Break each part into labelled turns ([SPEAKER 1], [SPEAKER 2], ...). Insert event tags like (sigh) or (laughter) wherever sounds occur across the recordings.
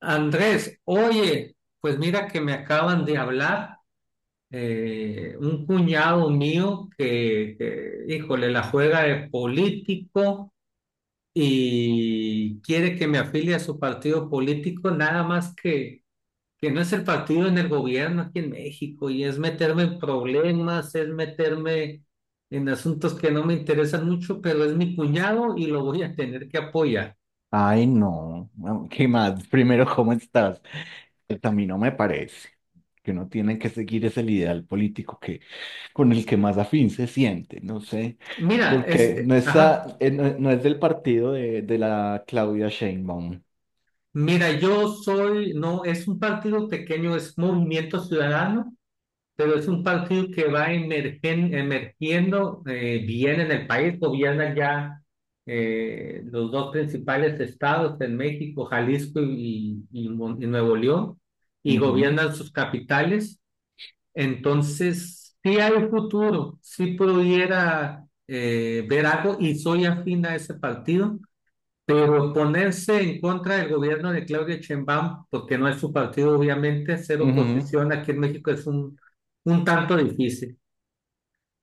[SPEAKER 1] Andrés, oye, pues mira que me acaban de hablar un cuñado mío híjole, la juega de político y quiere que me afilie a su partido político, nada más que no es el partido en el gobierno aquí en México y es meterme en problemas, es meterme en asuntos que no me interesan mucho, pero es mi cuñado y lo voy a tener que apoyar.
[SPEAKER 2] Ay, no. ¿Qué más? Primero, ¿cómo estás? Pues a mí no me parece que uno tiene que seguir ese ideal político que, con el que más afín se siente, no sé.
[SPEAKER 1] Mira, es,
[SPEAKER 2] Porque no,
[SPEAKER 1] ajá.
[SPEAKER 2] está, no, no es del partido de la Claudia Sheinbaum.
[SPEAKER 1] Mira, yo soy, no, es un partido pequeño, es Movimiento Ciudadano, pero es un partido que va emergiendo bien en el país, gobierna ya los dos principales estados en México, Jalisco y y Nuevo León, y
[SPEAKER 2] Ujú,
[SPEAKER 1] gobiernan sus capitales. Entonces, sí hay futuro, sí pudiera ver algo y soy afín a ese partido. Pero ponerse en contra del gobierno de Claudia Sheinbaum, porque no es su partido, obviamente, ser
[SPEAKER 2] ujú.
[SPEAKER 1] oposición aquí en México es un tanto difícil,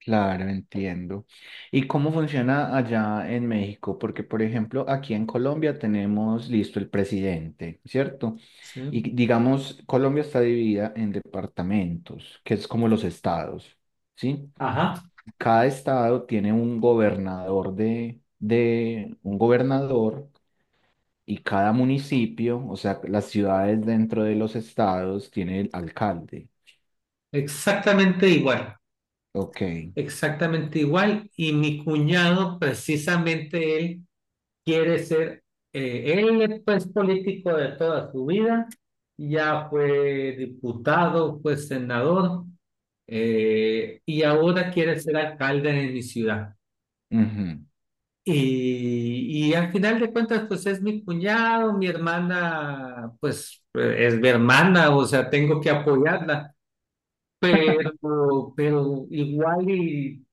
[SPEAKER 2] Claro, entiendo. ¿Y cómo funciona allá en México? Porque, por ejemplo, aquí en Colombia tenemos listo el presidente, ¿cierto?
[SPEAKER 1] ¿sí?
[SPEAKER 2] Y digamos, Colombia está dividida en departamentos, que es como los estados, ¿sí?
[SPEAKER 1] Ajá,
[SPEAKER 2] Cada estado tiene un gobernador de un gobernador y cada municipio, o sea, las ciudades dentro de los estados tiene el alcalde.
[SPEAKER 1] exactamente igual,
[SPEAKER 2] Ok.
[SPEAKER 1] exactamente igual. Y mi cuñado, precisamente él, quiere ser, él es pues, político de toda su vida, ya fue diputado, fue senador, y ahora quiere ser alcalde de mi ciudad.
[SPEAKER 2] Ujú.
[SPEAKER 1] Y al final de cuentas, pues es mi cuñado, mi hermana, pues es mi hermana, o sea, tengo que apoyarla, pero igual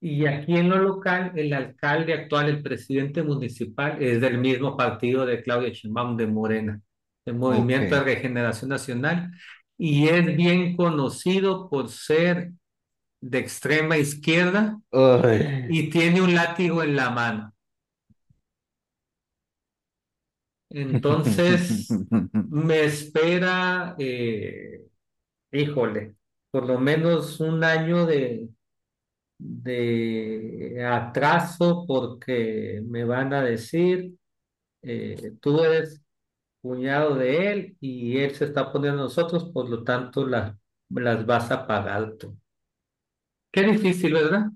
[SPEAKER 1] y aquí en lo local, el alcalde actual, el presidente municipal, es del mismo partido de Claudia Sheinbaum, de Morena, el
[SPEAKER 2] Ok.
[SPEAKER 1] Movimiento de Regeneración Nacional, y es bien conocido por ser de extrema izquierda
[SPEAKER 2] Ay.
[SPEAKER 1] y tiene un látigo en la mano. Entonces,
[SPEAKER 2] (laughs)
[SPEAKER 1] me espera, híjole, por lo menos un año de atraso porque me van a decir, tú eres cuñado de él y él se está poniendo a nosotros, por lo tanto las vas a pagar tú. Qué difícil, ¿verdad?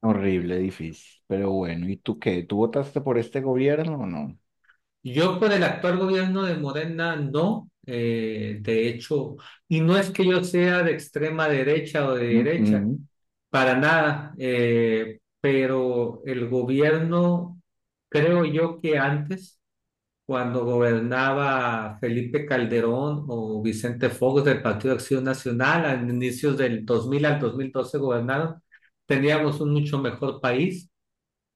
[SPEAKER 2] Horrible, difícil. Pero bueno, ¿y tú qué? ¿Tú votaste por este gobierno o no?
[SPEAKER 1] Yo por el actual gobierno de Morena no, de hecho, y no es que yo sea de extrema derecha o de
[SPEAKER 2] Mm,
[SPEAKER 1] derecha.
[SPEAKER 2] mm.
[SPEAKER 1] Para nada, pero el gobierno, creo yo que antes, cuando gobernaba Felipe Calderón o Vicente Fox del Partido de Acción Nacional, a inicios del 2000 al 2012 gobernaron, teníamos un mucho mejor país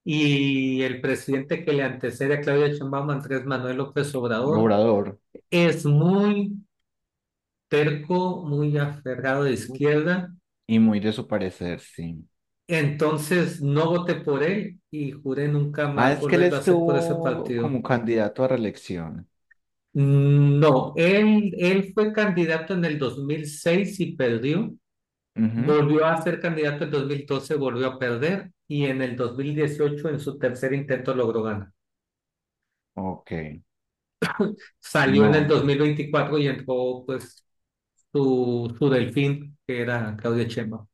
[SPEAKER 1] y el presidente que le antecede a Claudia Sheinbaum, Andrés Manuel López Obrador,
[SPEAKER 2] Obrador.
[SPEAKER 1] es muy terco, muy aferrado de izquierda.
[SPEAKER 2] Y muy de su parecer, sí.
[SPEAKER 1] Entonces no voté por él y juré nunca
[SPEAKER 2] Ah,
[SPEAKER 1] más
[SPEAKER 2] es que él
[SPEAKER 1] volverlo a hacer por ese
[SPEAKER 2] estuvo
[SPEAKER 1] partido.
[SPEAKER 2] como candidato a reelección.
[SPEAKER 1] Mm, no, él fue candidato en el 2006 y perdió.
[SPEAKER 2] Ujú.
[SPEAKER 1] Volvió a ser candidato en dos mil doce, volvió a perder y en el 2018 en su tercer intento logró ganar.
[SPEAKER 2] Ok.
[SPEAKER 1] Salió en el
[SPEAKER 2] No,
[SPEAKER 1] 2024 y entró pues su delfín, que era Claudia Sheinbaum.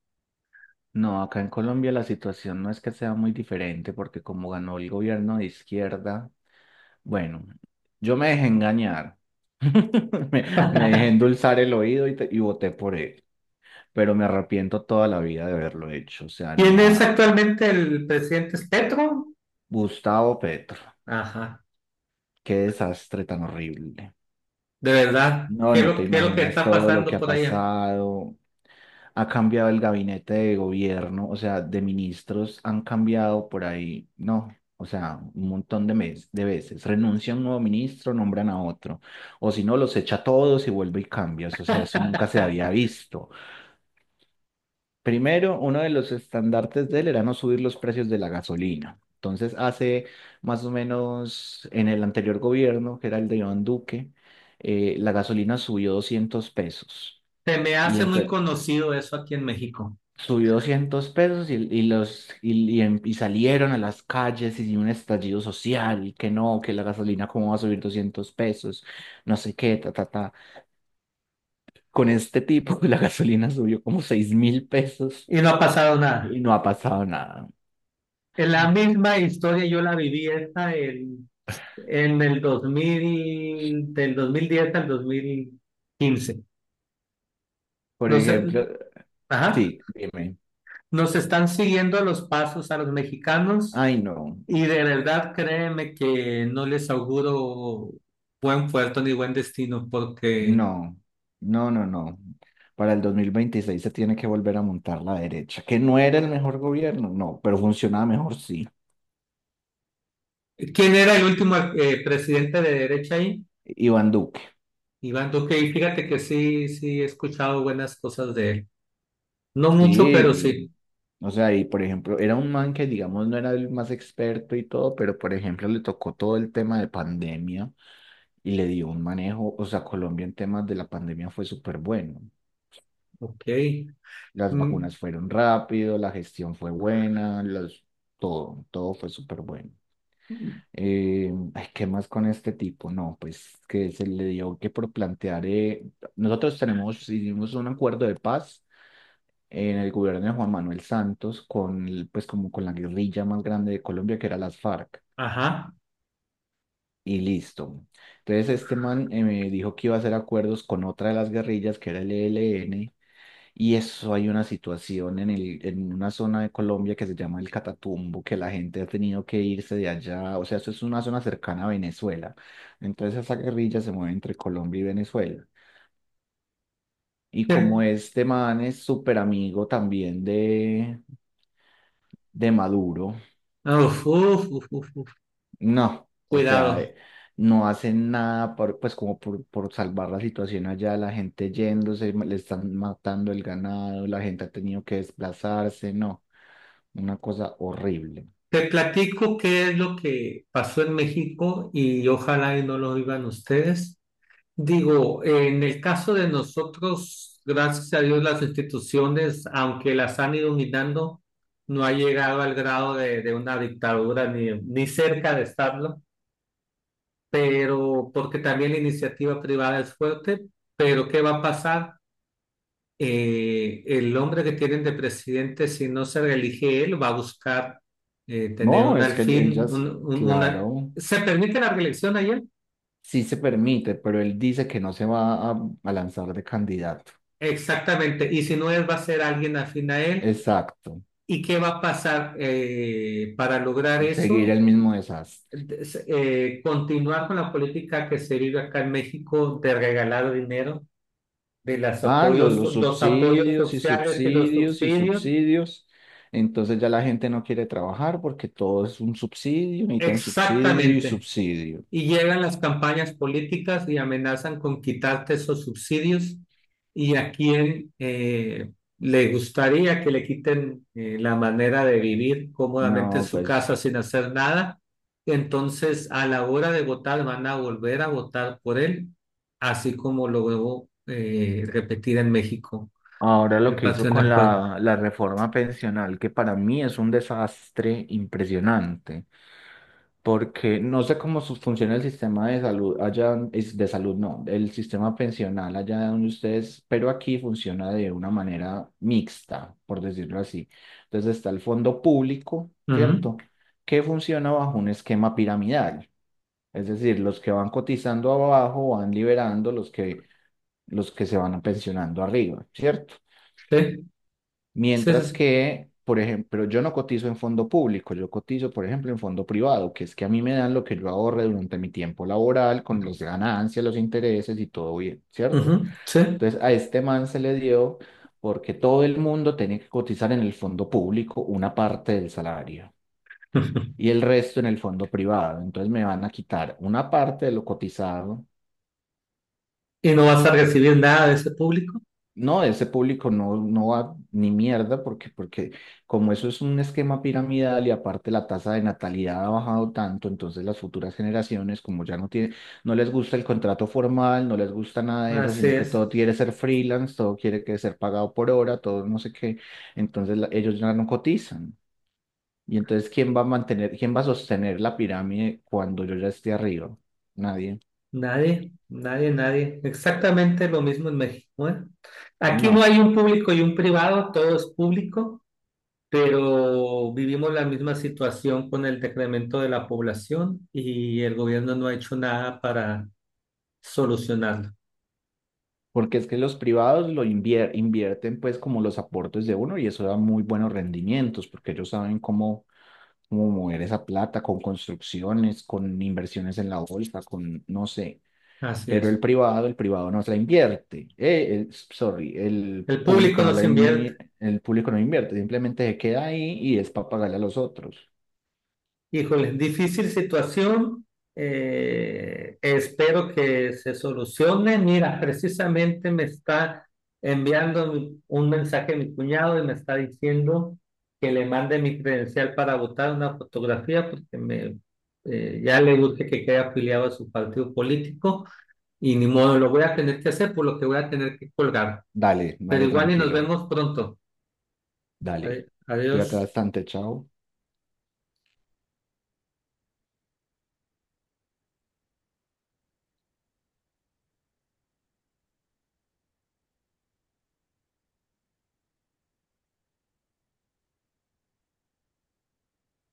[SPEAKER 2] no, acá en Colombia la situación no es que sea muy diferente porque como ganó el gobierno de izquierda, bueno, yo me dejé engañar. (laughs) Me dejé
[SPEAKER 1] (laughs)
[SPEAKER 2] endulzar el oído y, y voté por él. Pero me arrepiento toda la vida de haberlo hecho. O sea,
[SPEAKER 1] ¿Quién
[SPEAKER 2] no
[SPEAKER 1] es
[SPEAKER 2] a
[SPEAKER 1] actualmente el presidente? ¿Es Petro?
[SPEAKER 2] Gustavo Petro.
[SPEAKER 1] Ajá.
[SPEAKER 2] Qué desastre tan horrible.
[SPEAKER 1] De verdad,
[SPEAKER 2] No,
[SPEAKER 1] ¿qué es
[SPEAKER 2] no te
[SPEAKER 1] qué es lo que
[SPEAKER 2] imaginas
[SPEAKER 1] está
[SPEAKER 2] todo lo que
[SPEAKER 1] pasando
[SPEAKER 2] ha
[SPEAKER 1] por allá?
[SPEAKER 2] pasado. Ha cambiado el gabinete de gobierno, o sea, de ministros han cambiado por ahí, no, o sea, un montón de, de veces. Renuncia un nuevo ministro, nombran a otro. O si no, los echa a todos y vuelve y cambia. O sea, eso nunca se había visto. Primero, uno de los estandartes de él era no subir los precios de la gasolina. Entonces, hace más o menos en el anterior gobierno, que era el de Iván Duque, la gasolina subió 200 pesos.
[SPEAKER 1] Se me
[SPEAKER 2] Y
[SPEAKER 1] hace muy conocido eso aquí en México
[SPEAKER 2] subió 200 pesos y los, y em- y salieron a las calles y un estallido social, y que no, que la gasolina cómo va a subir 200 pesos, no sé qué, ta, ta, ta. Con este tipo, (laughs) la gasolina subió como 6000 pesos
[SPEAKER 1] y no ha pasado nada.
[SPEAKER 2] y no ha pasado nada.
[SPEAKER 1] En la misma historia yo la viví esta en el dos mil, del 2010 al 2015.
[SPEAKER 2] Por
[SPEAKER 1] No sé,
[SPEAKER 2] ejemplo,
[SPEAKER 1] ajá,
[SPEAKER 2] sí, dime.
[SPEAKER 1] nos están siguiendo los pasos a los mexicanos
[SPEAKER 2] Ay, no,
[SPEAKER 1] y de verdad créeme que no les auguro buen puerto ni buen destino porque
[SPEAKER 2] no, no, no, no. Para el 2026 se tiene que volver a montar la derecha, que no era el mejor gobierno, no, pero funcionaba mejor, sí.
[SPEAKER 1] ¿quién era el último presidente de derecha ahí?
[SPEAKER 2] Iván Duque,
[SPEAKER 1] Iván Duque, y fíjate que sí, sí, he escuchado buenas cosas de él. No mucho, pero
[SPEAKER 2] sí.
[SPEAKER 1] sí.
[SPEAKER 2] O sea, y por ejemplo, era un man que, digamos, no era el más experto y todo, pero por ejemplo, le tocó todo el tema de pandemia y le dio un manejo. O sea, Colombia en temas de la pandemia fue súper bueno.
[SPEAKER 1] Ok.
[SPEAKER 2] Las
[SPEAKER 1] Mm,
[SPEAKER 2] vacunas fueron rápido, la gestión fue buena, los, todo, todo fue súper bueno. Ay, ¿qué más con este tipo? No, pues que se le dio que por plantear, nosotros tenemos, hicimos un acuerdo de paz en el gobierno de Juan Manuel Santos con, pues como con la guerrilla más grande de Colombia que era las FARC
[SPEAKER 1] ajá.
[SPEAKER 2] y listo. Entonces este man me dijo que iba a hacer acuerdos con otra de las guerrillas que era el ELN y eso hay una situación en el, en una zona de Colombia que se llama el Catatumbo, que la gente ha tenido que irse de allá, o sea, eso es una zona cercana a Venezuela. Entonces esa guerrilla se mueve entre Colombia y Venezuela. Y como
[SPEAKER 1] Te-
[SPEAKER 2] este man es súper amigo también de Maduro.
[SPEAKER 1] uf, uf, uf, uf, uf.
[SPEAKER 2] No, o sea,
[SPEAKER 1] Cuidado.
[SPEAKER 2] no hacen nada por, pues como por salvar la situación allá, la gente yéndose, le están matando el ganado, la gente ha tenido que desplazarse, no, una cosa horrible.
[SPEAKER 1] Te platico qué es lo que pasó en México y ojalá y no lo vivan ustedes. Digo, en el caso de nosotros, gracias a Dios, las instituciones, aunque las han ido minando, no ha llegado al grado de una dictadura ni, ni cerca de estarlo. Pero porque también la iniciativa privada es fuerte, pero ¿qué va a pasar? El hombre que tienen de presidente, si no se reelige él, va a buscar tener
[SPEAKER 2] No,
[SPEAKER 1] un
[SPEAKER 2] es que él ya,
[SPEAKER 1] alfil, un- una...
[SPEAKER 2] claro,
[SPEAKER 1] ¿Se permite la reelección ayer?
[SPEAKER 2] sí se permite, pero él dice que no se a lanzar de candidato.
[SPEAKER 1] Exactamente, y si no él, va a ser alguien afín a él.
[SPEAKER 2] Exacto,
[SPEAKER 1] ¿Y qué va a pasar para lograr
[SPEAKER 2] seguir
[SPEAKER 1] eso?
[SPEAKER 2] el mismo desastre.
[SPEAKER 1] Continuar con la política que se vive acá en México de regalar dinero de
[SPEAKER 2] Ah, los
[SPEAKER 1] los apoyos
[SPEAKER 2] subsidios y
[SPEAKER 1] sociales y los
[SPEAKER 2] subsidios y
[SPEAKER 1] subsidios.
[SPEAKER 2] subsidios. Entonces ya la gente no quiere trabajar porque todo es un subsidio, necesitan subsidio y
[SPEAKER 1] Exactamente.
[SPEAKER 2] subsidio.
[SPEAKER 1] Y llegan las campañas políticas y amenazan con quitarte esos subsidios y a quién le gustaría que le quiten la manera de vivir cómodamente en
[SPEAKER 2] No,
[SPEAKER 1] su casa
[SPEAKER 2] pues
[SPEAKER 1] sin hacer nada. Entonces, a la hora de votar, van a volver a votar por él, así como lo debo repetir en México,
[SPEAKER 2] ahora lo
[SPEAKER 1] el
[SPEAKER 2] que hizo
[SPEAKER 1] patrón
[SPEAKER 2] con
[SPEAKER 1] del Uh
[SPEAKER 2] la reforma pensional, que para mí es un desastre impresionante. Porque no sé cómo funciona el sistema de salud allá, es de salud no, el sistema pensional allá donde ustedes, pero aquí funciona de una manera mixta, por decirlo así. Entonces está el fondo público,
[SPEAKER 1] -huh.
[SPEAKER 2] ¿cierto? Que funciona bajo un esquema piramidal. Es decir, los que van cotizando abajo van liberando los que se van pensionando arriba, ¿cierto?
[SPEAKER 1] Sí, sí, sí.
[SPEAKER 2] Mientras
[SPEAKER 1] Sí.
[SPEAKER 2] que, por ejemplo, yo no cotizo en fondo público, yo cotizo, por ejemplo, en fondo privado, que es que a mí me dan lo que yo ahorre durante mi tiempo laboral, con las ganancias, los intereses y todo bien, ¿cierto?
[SPEAKER 1] Ujú, sí.
[SPEAKER 2] Entonces, a este man se le dio porque todo el mundo tenía que cotizar en el fondo público una parte del salario y
[SPEAKER 1] (laughs)
[SPEAKER 2] el resto en el fondo privado. Entonces, me van a quitar una parte de lo cotizado.
[SPEAKER 1] Y no vas a recibir nada de ese público.
[SPEAKER 2] No, ese público no, no va ni mierda porque, porque como eso es un esquema piramidal y aparte la tasa de natalidad ha bajado tanto, entonces las futuras generaciones como ya no tiene, no les gusta el contrato formal, no les gusta nada de eso,
[SPEAKER 1] Así
[SPEAKER 2] sino que
[SPEAKER 1] es.
[SPEAKER 2] todo quiere ser freelance, todo quiere que ser pagado por hora, todo no sé qué, entonces ellos ya no cotizan. Y entonces, ¿quién va a mantener, quién va a sostener la pirámide cuando yo ya esté arriba? Nadie.
[SPEAKER 1] Nadie, nadie, nadie. Exactamente lo mismo en México, ¿eh? Aquí no
[SPEAKER 2] No.
[SPEAKER 1] hay un público y un privado, todo es público, pero vivimos la misma situación con el decremento de la población y el gobierno no ha hecho nada para solucionarlo.
[SPEAKER 2] Porque es que los privados lo invierten pues como los aportes de uno y eso da muy buenos rendimientos porque ellos saben cómo, cómo mover esa plata con construcciones, con inversiones en la bolsa, con no sé.
[SPEAKER 1] Así
[SPEAKER 2] Pero
[SPEAKER 1] es.
[SPEAKER 2] el privado no se la invierte. Sorry, el
[SPEAKER 1] El público
[SPEAKER 2] público no
[SPEAKER 1] no se invierte.
[SPEAKER 2] el público no invierte, simplemente se queda ahí y es para pagarle a los otros.
[SPEAKER 1] Híjole, difícil situación. Espero que se solucione. Mira, precisamente me está enviando un mensaje mi cuñado y me está diciendo que le mande mi credencial para votar, una fotografía porque me, ya le urge que quede afiliado a su partido político y ni modo, lo voy a tener que hacer por lo que voy a tener que colgar.
[SPEAKER 2] Dale,
[SPEAKER 1] Pero
[SPEAKER 2] dale
[SPEAKER 1] igual y nos
[SPEAKER 2] tranquilo,
[SPEAKER 1] vemos pronto.
[SPEAKER 2] dale.
[SPEAKER 1] Adiós.
[SPEAKER 2] Cuídate bastante, chao.